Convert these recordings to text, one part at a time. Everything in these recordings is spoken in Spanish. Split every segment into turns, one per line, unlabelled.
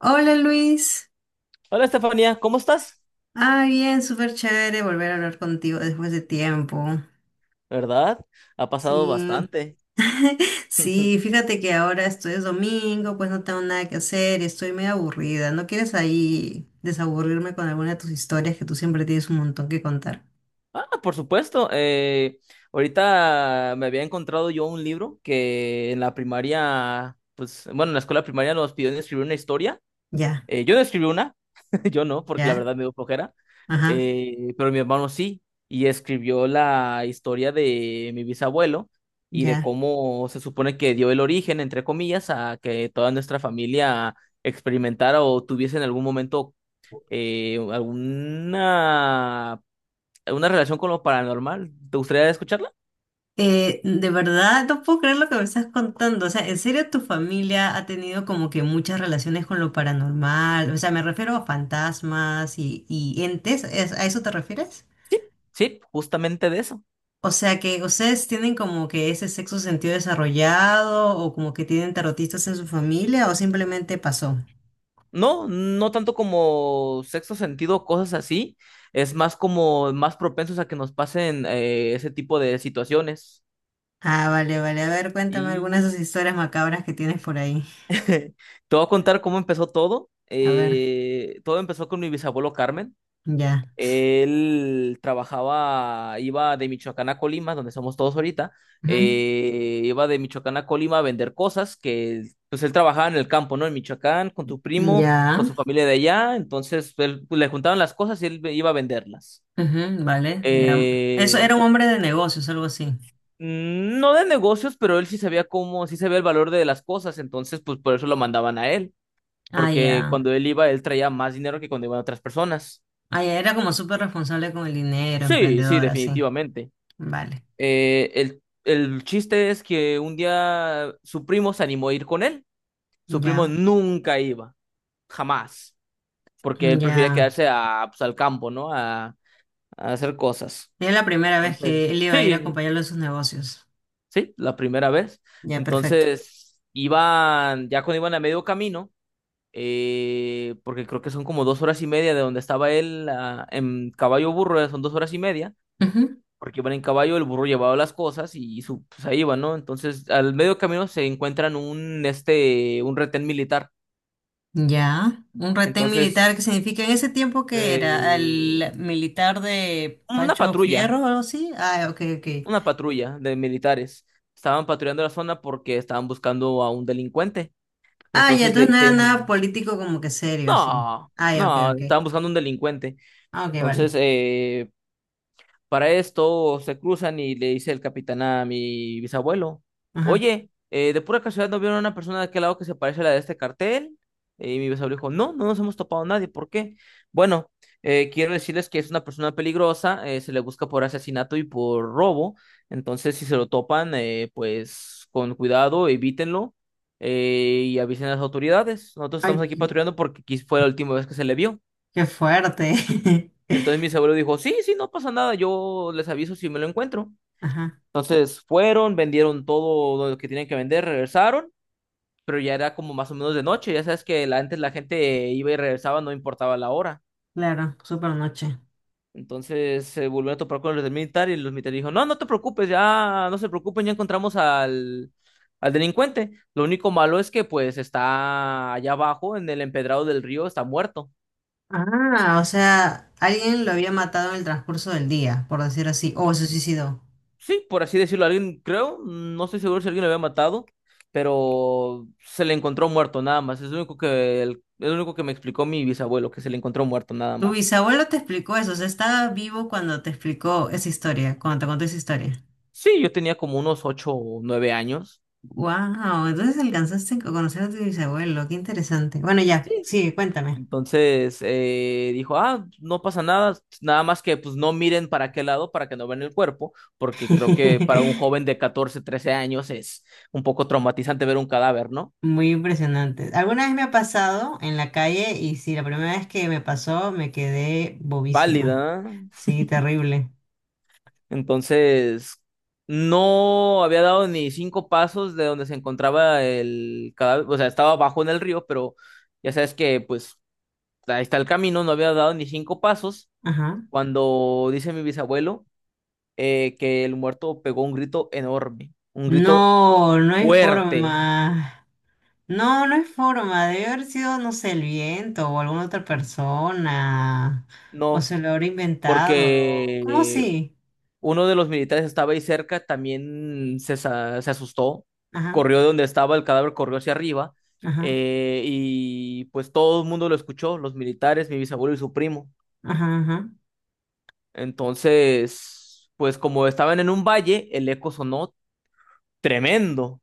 Hola Luis,
Hola Estefanía, ¿cómo estás?
ah bien, súper chévere volver a hablar contigo después de tiempo.
¿Verdad? Ha pasado
Sí,
bastante.
sí, fíjate que ahora esto es domingo, pues no tengo nada que hacer, estoy medio aburrida. ¿No quieres ahí desaburrirme con alguna de tus historias que tú siempre tienes un montón que contar?
Ah, por supuesto. Ahorita me había encontrado yo un libro que en la primaria, pues bueno, en la escuela primaria nos pidieron escribir una historia.
Ya,
Yo no escribí una, yo no, porque la
ya,
verdad me dio flojera.
ajá,
Pero mi hermano sí, y escribió la historia de mi bisabuelo y de
ya.
cómo se supone que dio el origen, entre comillas, a que toda nuestra familia experimentara o tuviese en algún momento eh, alguna, alguna relación con lo paranormal. ¿Te gustaría escucharla?
De verdad, no puedo creer lo que me estás contando. O sea, ¿en serio tu familia ha tenido como que muchas relaciones con lo paranormal? O sea, me refiero a fantasmas y entes. ¿A eso te refieres?
Sí, sí, justamente de eso.
O sea, que ustedes tienen como que ese sexto sentido desarrollado o como que tienen tarotistas en su familia o simplemente pasó.
No, no tanto como sexto sentido o cosas así, es más como más propensos a que nos pasen ese tipo de situaciones.
Ah, vale, vale. A ver, cuéntame algunas de
Y
esas historias macabras que tienes por ahí.
te voy a contar cómo empezó todo.
A ver,
Todo empezó con mi bisabuelo Carmen.
ya.
Él trabajaba, iba de Michoacán a Colima, donde somos todos ahorita,
Ujú,
iba de Michoacán a Colima a vender cosas que, pues él trabajaba en el campo, ¿no? En Michoacán, con tu primo, con
ya.
su familia de allá, entonces él, pues, le juntaban las cosas y él iba a venderlas.
Ujú, vale, ya. Eso
Eh,
era un hombre de negocios, algo así.
no de negocios, pero él sí sabía cómo, sí sabía el valor de las cosas, entonces pues por eso lo mandaban a él,
Ah,
porque
ya.
cuando él iba, él traía más dinero que cuando iban otras personas.
Ah, ya, era como súper responsable con el dinero,
Sí, sí,
emprendedora, sí.
definitivamente.
Vale,
El chiste es que un día su primo se animó a ir con él. Su primo
ya,
nunca iba, jamás, porque él prefería
ya.
quedarse a, pues, al campo, ¿no? A hacer cosas.
Era la primera vez que
Entonces,
él iba a ir a
sí,
acompañarlo en sus negocios.
sí, la primera vez.
Ya, perfecto.
Entonces, iban, ya cuando iban a medio camino, porque creo que son como 2 horas y media de donde estaba él en caballo burro, son 2 horas y media.
Ujú.
Porque iban en caballo, el burro llevaba las cosas y su, pues ahí iban, ¿no? Entonces, al medio camino se encuentran un retén militar.
Ya. Un retén militar, ¿que
Entonces,
significa en ese tiempo? Que era
eh,
el militar de
una
Pancho
patrulla,
Fierro o algo así. Ah, ok, ok.
una patrulla de militares. Estaban patrullando la zona porque estaban buscando a un delincuente.
Ah, ya,
Entonces le
entonces no era nada
dicen,
político como que serio, sí.
no,
Ah, ya, ok,
no,
ok.
estaban buscando un delincuente.
Ah, ok,
Entonces,
vale.
para esto se cruzan y le dice el capitán a mi bisabuelo,
Ajá.
oye, de pura casualidad no vieron a una persona de aquel lado que se parece a la de este cartel. Y mi bisabuelo dijo, no, no nos hemos topado a nadie, ¿por qué? Bueno, quiero decirles que es una persona peligrosa, se le busca por asesinato y por robo, entonces si se lo topan, pues con cuidado, evítenlo y avisen a las autoridades. Nosotros estamos
Ay,
aquí
qué
patrullando porque fue la última vez que se le vio.
qué fuerte.
Entonces mi bisabuelo dijo, sí, sí, no pasa nada, yo les aviso si me lo encuentro.
Ajá,
Entonces fueron, vendieron todo lo que tenían que vender, regresaron, pero ya era como más o menos de noche. Ya sabes que antes la gente iba y regresaba, no importaba la hora.
claro, súper noche.
Entonces se volvieron a topar con los del militar y los militares dijo, no, no te preocupes, ya no se preocupen, ya encontramos al delincuente. Lo único malo es que pues está allá abajo en el empedrado del río, está muerto.
Ah, o sea, alguien lo había matado en el transcurso del día, por decirlo así, o se suicidó.
Sí, por así decirlo, alguien, creo, no estoy seguro si alguien lo había matado, pero se le encontró muerto nada más. Es lo único que, el, es lo único que me explicó mi bisabuelo, que se le encontró muerto nada
Tu
más.
bisabuelo te explicó eso, o sea, estaba vivo cuando te explicó esa historia, cuando te contó esa historia.
Sí, yo tenía como unos 8 o 9 años.
Wow, entonces alcanzaste a conocer a tu bisabuelo, qué interesante. Bueno, ya,
Sí.
sí, cuéntame.
Entonces dijo, ah, no pasa nada, nada más que pues no miren para qué lado para que no vean el cuerpo, porque creo que para un joven de 14 13 años es un poco traumatizante ver un cadáver, ¿no?
Muy impresionante. Alguna vez me ha pasado en la calle y sí, la primera vez que me pasó me quedé
Pálida,
bobísima. Sí, terrible.
entonces, no había dado ni 5 pasos de donde se encontraba el cadáver, o sea, estaba abajo en el río, pero ya sabes que pues ahí está el camino, no había dado ni 5 pasos
Ajá.
cuando dice mi bisabuelo que el muerto pegó un grito enorme, un grito
No, no hay
fuerte,
forma. No, no es forma. Debe haber sido, no sé, el viento o alguna otra persona. O
¿no?
se lo habrá inventado. ¿Cómo
Porque
así?
uno de los militares estaba ahí cerca, también se asustó,
Ajá,
corrió de donde estaba el cadáver, corrió hacia arriba,
ajá,
y pues todo el mundo lo escuchó, los militares, mi bisabuelo y su primo.
ajá, ajá.
Entonces, pues como estaban en un valle, el eco sonó tremendo,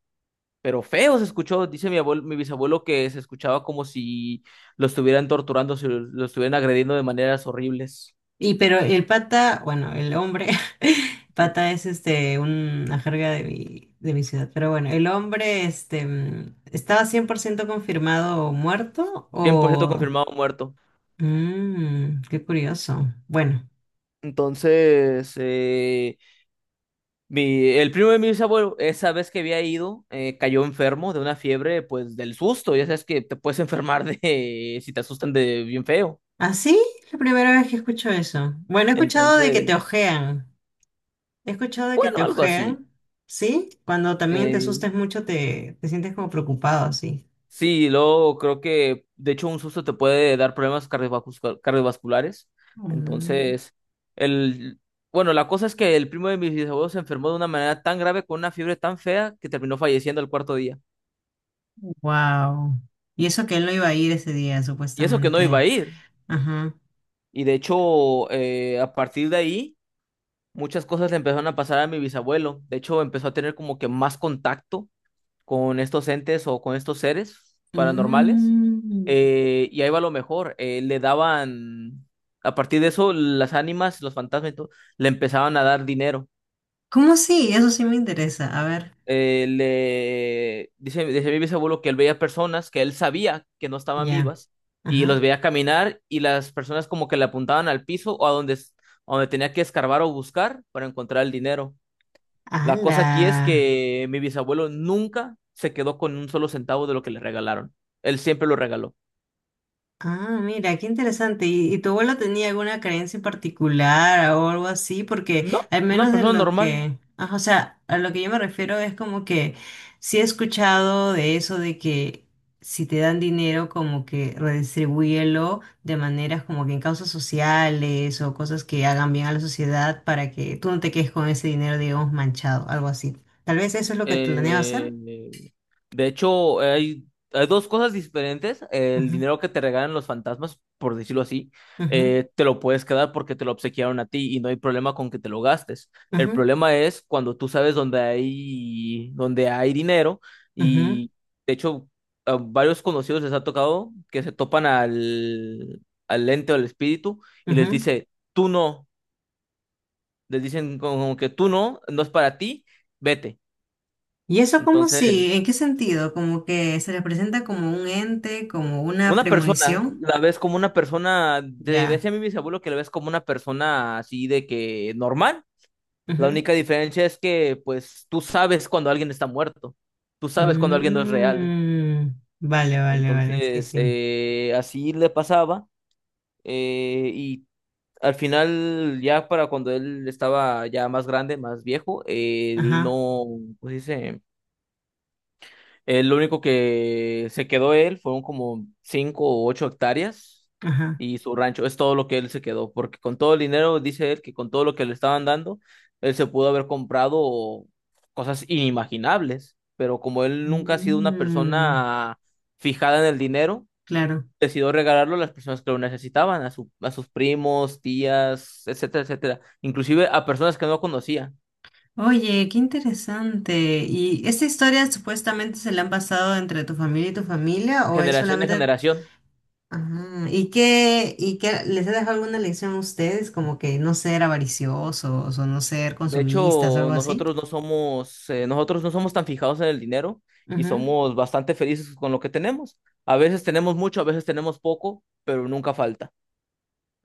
pero feo se escuchó, dice mi abuelo, mi bisabuelo que se escuchaba como si lo estuvieran torturando, si lo estuvieran agrediendo de maneras horribles.
Y pero el pata, bueno, el hombre, pata es este, una jerga de mi ciudad. Pero bueno, el hombre, este, mm, ¿estaba 100% confirmado muerto
100%
o...?
confirmado muerto.
Mmm, qué curioso. Bueno,
Entonces, mi, el primo de mis abuelos, esa vez que había ido, cayó enfermo de una fiebre, pues del susto. Ya sabes que te puedes enfermar de si te asustan de bien feo.
¿así? La primera vez que escucho eso. Bueno, he escuchado de que te
Entonces,
ojean. He escuchado de que
bueno,
te
algo así.
ojean, ¿sí? Cuando también te
Eh,
asustes mucho te sientes como preocupado, así.
sí, luego creo que, de hecho, un susto te puede dar problemas cardiovasculares. Entonces, el, bueno, la cosa es que el primo de mis abuelos se enfermó de una manera tan grave con una fiebre tan fea que terminó falleciendo el cuarto día.
Wow. Y eso que él no iba a ir ese día,
Y eso que no iba a
supuestamente.
ir.
Ajá.
Y de hecho, a partir de ahí muchas cosas le empezaron a pasar a mi bisabuelo. De hecho, empezó a tener como que más contacto con estos entes o con estos seres paranormales.
Mm.
Y ahí va lo mejor. Le daban, a partir de eso, las ánimas, los fantasmas y todo, le empezaban a dar dinero.
¿Cómo sí? Eso sí me interesa. A ver.
Le dice, dice mi bisabuelo que él veía personas que él sabía que no estaban
Ya.
vivas y los
Ajá.
veía caminar y las personas como que le apuntaban al piso o a donde tenía que escarbar o buscar para encontrar el dinero. La cosa
¡Hala!
aquí es que mi bisabuelo nunca se quedó con un solo centavo de lo que le regalaron. Él siempre lo regaló.
Ah, mira, qué interesante. Y tu abuelo tenía alguna creencia en particular o algo así? Porque
No,
al
una
menos de
persona
lo
normal.
que, ah, o sea, a lo que yo me refiero es como que sí he escuchado de eso de que si te dan dinero como que redistribúyelo de maneras como que en causas sociales o cosas que hagan bien a la sociedad para que tú no te quedes con ese dinero, digamos, manchado, algo así. Tal vez eso es lo que planeaba hacer.
Eh, De hecho, hay dos cosas diferentes. El
Ujú,
dinero que te regalan los fantasmas, por decirlo así,
ujú,
te lo puedes quedar porque te lo obsequiaron a ti y no hay problema con que te lo gastes. El
ujú,
problema es cuando tú sabes dónde hay dinero
ujú,
y, de hecho, a varios conocidos les ha tocado que se topan al ente o al espíritu y les
ujú.
dice, tú no, les dicen como que tú no, no es para ti, vete.
Y eso como
Entonces...
si, ¿en qué sentido? Como que se les presenta como un ente, como una
Una persona,
premonición.
la ves como una persona,
Ya.
decía a mí mi abuelo que la ves como una persona así de que normal. La
Ujú.
única diferencia es que pues tú sabes cuando alguien está muerto, tú sabes cuando alguien no es real.
Mm, vale, vale, vale, sí,
Entonces,
sí.
así le pasaba. Y al final, ya para cuando él estaba ya más grande, más viejo, él
Ajá,
no, pues dice? Lo único que se quedó él fueron como 5 o 8 hectáreas
ajá.
y su rancho. Es todo lo que él se quedó, porque con todo el dinero, dice él, que con todo lo que le estaban dando, él se pudo haber comprado cosas inimaginables. Pero como él nunca ha sido una
Mm,
persona fijada en el dinero,
claro.
decidió regalarlo a las personas que lo necesitaban, a su, a sus primos, tías, etcétera, etcétera. Inclusive a personas que no conocía,
Oye, qué interesante. ¿Y esa historia supuestamente se la han pasado entre tu familia y tu familia o él solamente...
generación.
Ajá. ¿Y y qué les ha dejado alguna lección a ustedes? Como que no ser avariciosos o no ser
De
consumistas,
hecho,
algo así.
nosotros no somos tan fijados en el dinero y
Ujú.
somos bastante felices con lo que tenemos. A veces tenemos mucho, a veces tenemos poco, pero nunca falta.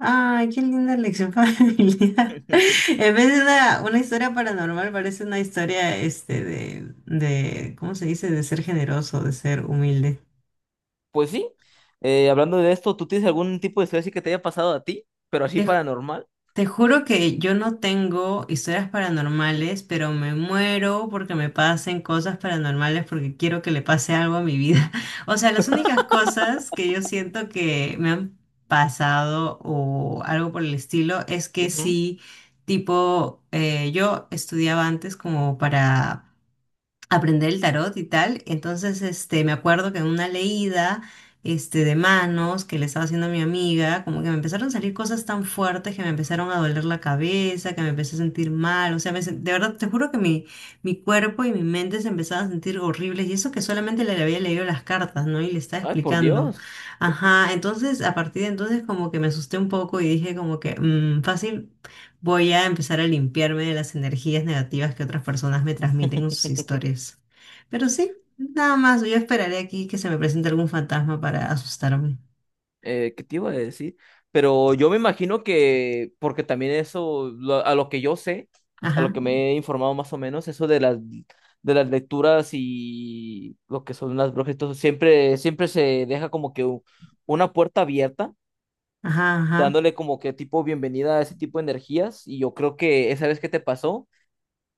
Ay, qué linda lección familiar. En vez de una historia paranormal, parece una historia este de, ¿cómo se dice? De ser generoso, de ser humilde.
Pues sí, hablando de esto, ¿tú tienes algún tipo de historia así que te haya pasado a ti, pero así paranormal?
Te juro que yo no tengo historias paranormales, pero me muero porque me pasen cosas paranormales porque quiero que le pase algo a mi vida. O sea, las únicas cosas que yo siento que me han pasado o algo por el estilo es que
Ujú.
sí, tipo, yo estudiaba antes como para aprender el tarot y tal. Entonces, este, me acuerdo que en una leída, este, de manos que le estaba haciendo a mi amiga, como que me empezaron a salir cosas tan fuertes que me empezaron a doler la cabeza, que me empecé a sentir mal. O sea, de verdad, te juro que mi cuerpo y mi mente se empezaban a sentir horribles. Y eso que solamente le había leído las cartas, ¿no? Y le estaba
Ay, por
explicando.
Dios.
Ajá, entonces, a partir de entonces, como que me asusté un poco y dije como que, mm, fácil. Voy a empezar a limpiarme de las energías negativas que otras personas me transmiten en sus historias. Pero sí, nada más, yo esperaré aquí que se me presente algún fantasma para asustarme.
¿Qué te iba a decir? Pero yo me imagino que, porque también eso, a lo que yo sé, a lo
Ajá,
que me he informado más o menos, eso de las lecturas y lo que son las brujas, y todo, siempre, siempre se deja como que una puerta abierta,
ajá, ajá,
dándole como que tipo bienvenida a ese tipo de energías. Y yo creo que esa vez que te pasó,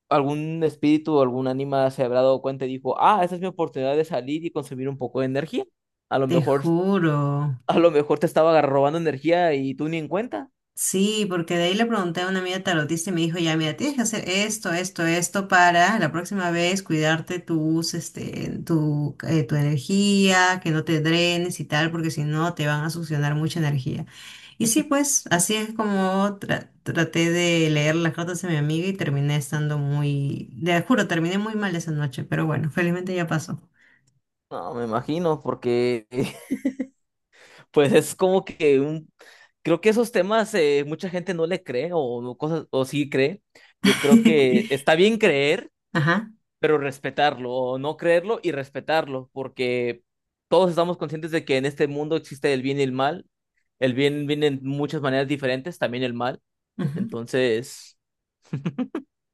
algún espíritu o algún ánima se habrá dado cuenta y dijo, ah, esa es mi oportunidad de salir y consumir un poco de energía. A lo
te
mejor
juro.
a lo mejor te estaba robando energía y tú ni en cuenta.
Sí, porque de ahí le pregunté a una amiga tarotista y me dijo, ya, mira, tienes que hacer esto, esto, esto para la próxima vez cuidarte tus, este, tu, tu energía, que no te drenes y tal, porque si no te van a succionar mucha energía. Y sí, pues así es como traté de leer las cartas de mi amiga y terminé estando muy, te juro, terminé muy mal esa noche, pero bueno, felizmente ya pasó.
No, me imagino, porque pues es como que un... Creo que esos temas mucha gente no le cree o no cosas o sí cree. Yo creo que está bien creer,
Ajá.
pero respetarlo o no creerlo y respetarlo, porque todos estamos conscientes de que en este mundo existe el bien y el mal. El bien viene en muchas maneras diferentes, también el mal. Entonces,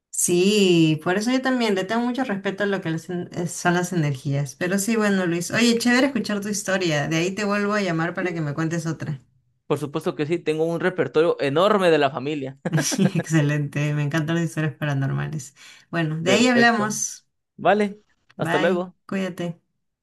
Sí, por eso yo también le tengo mucho respeto a lo que son las energías. Pero sí, bueno, Luis. Oye, chévere escuchar tu historia. De ahí te vuelvo a llamar para
sí,
que me cuentes otra.
por supuesto que sí, tengo un repertorio enorme de la familia.
Excelente, me encantan las historias paranormales. Bueno, de ahí
Perfecto.
hablamos.
Vale, hasta
Bye,
luego.
cuídate.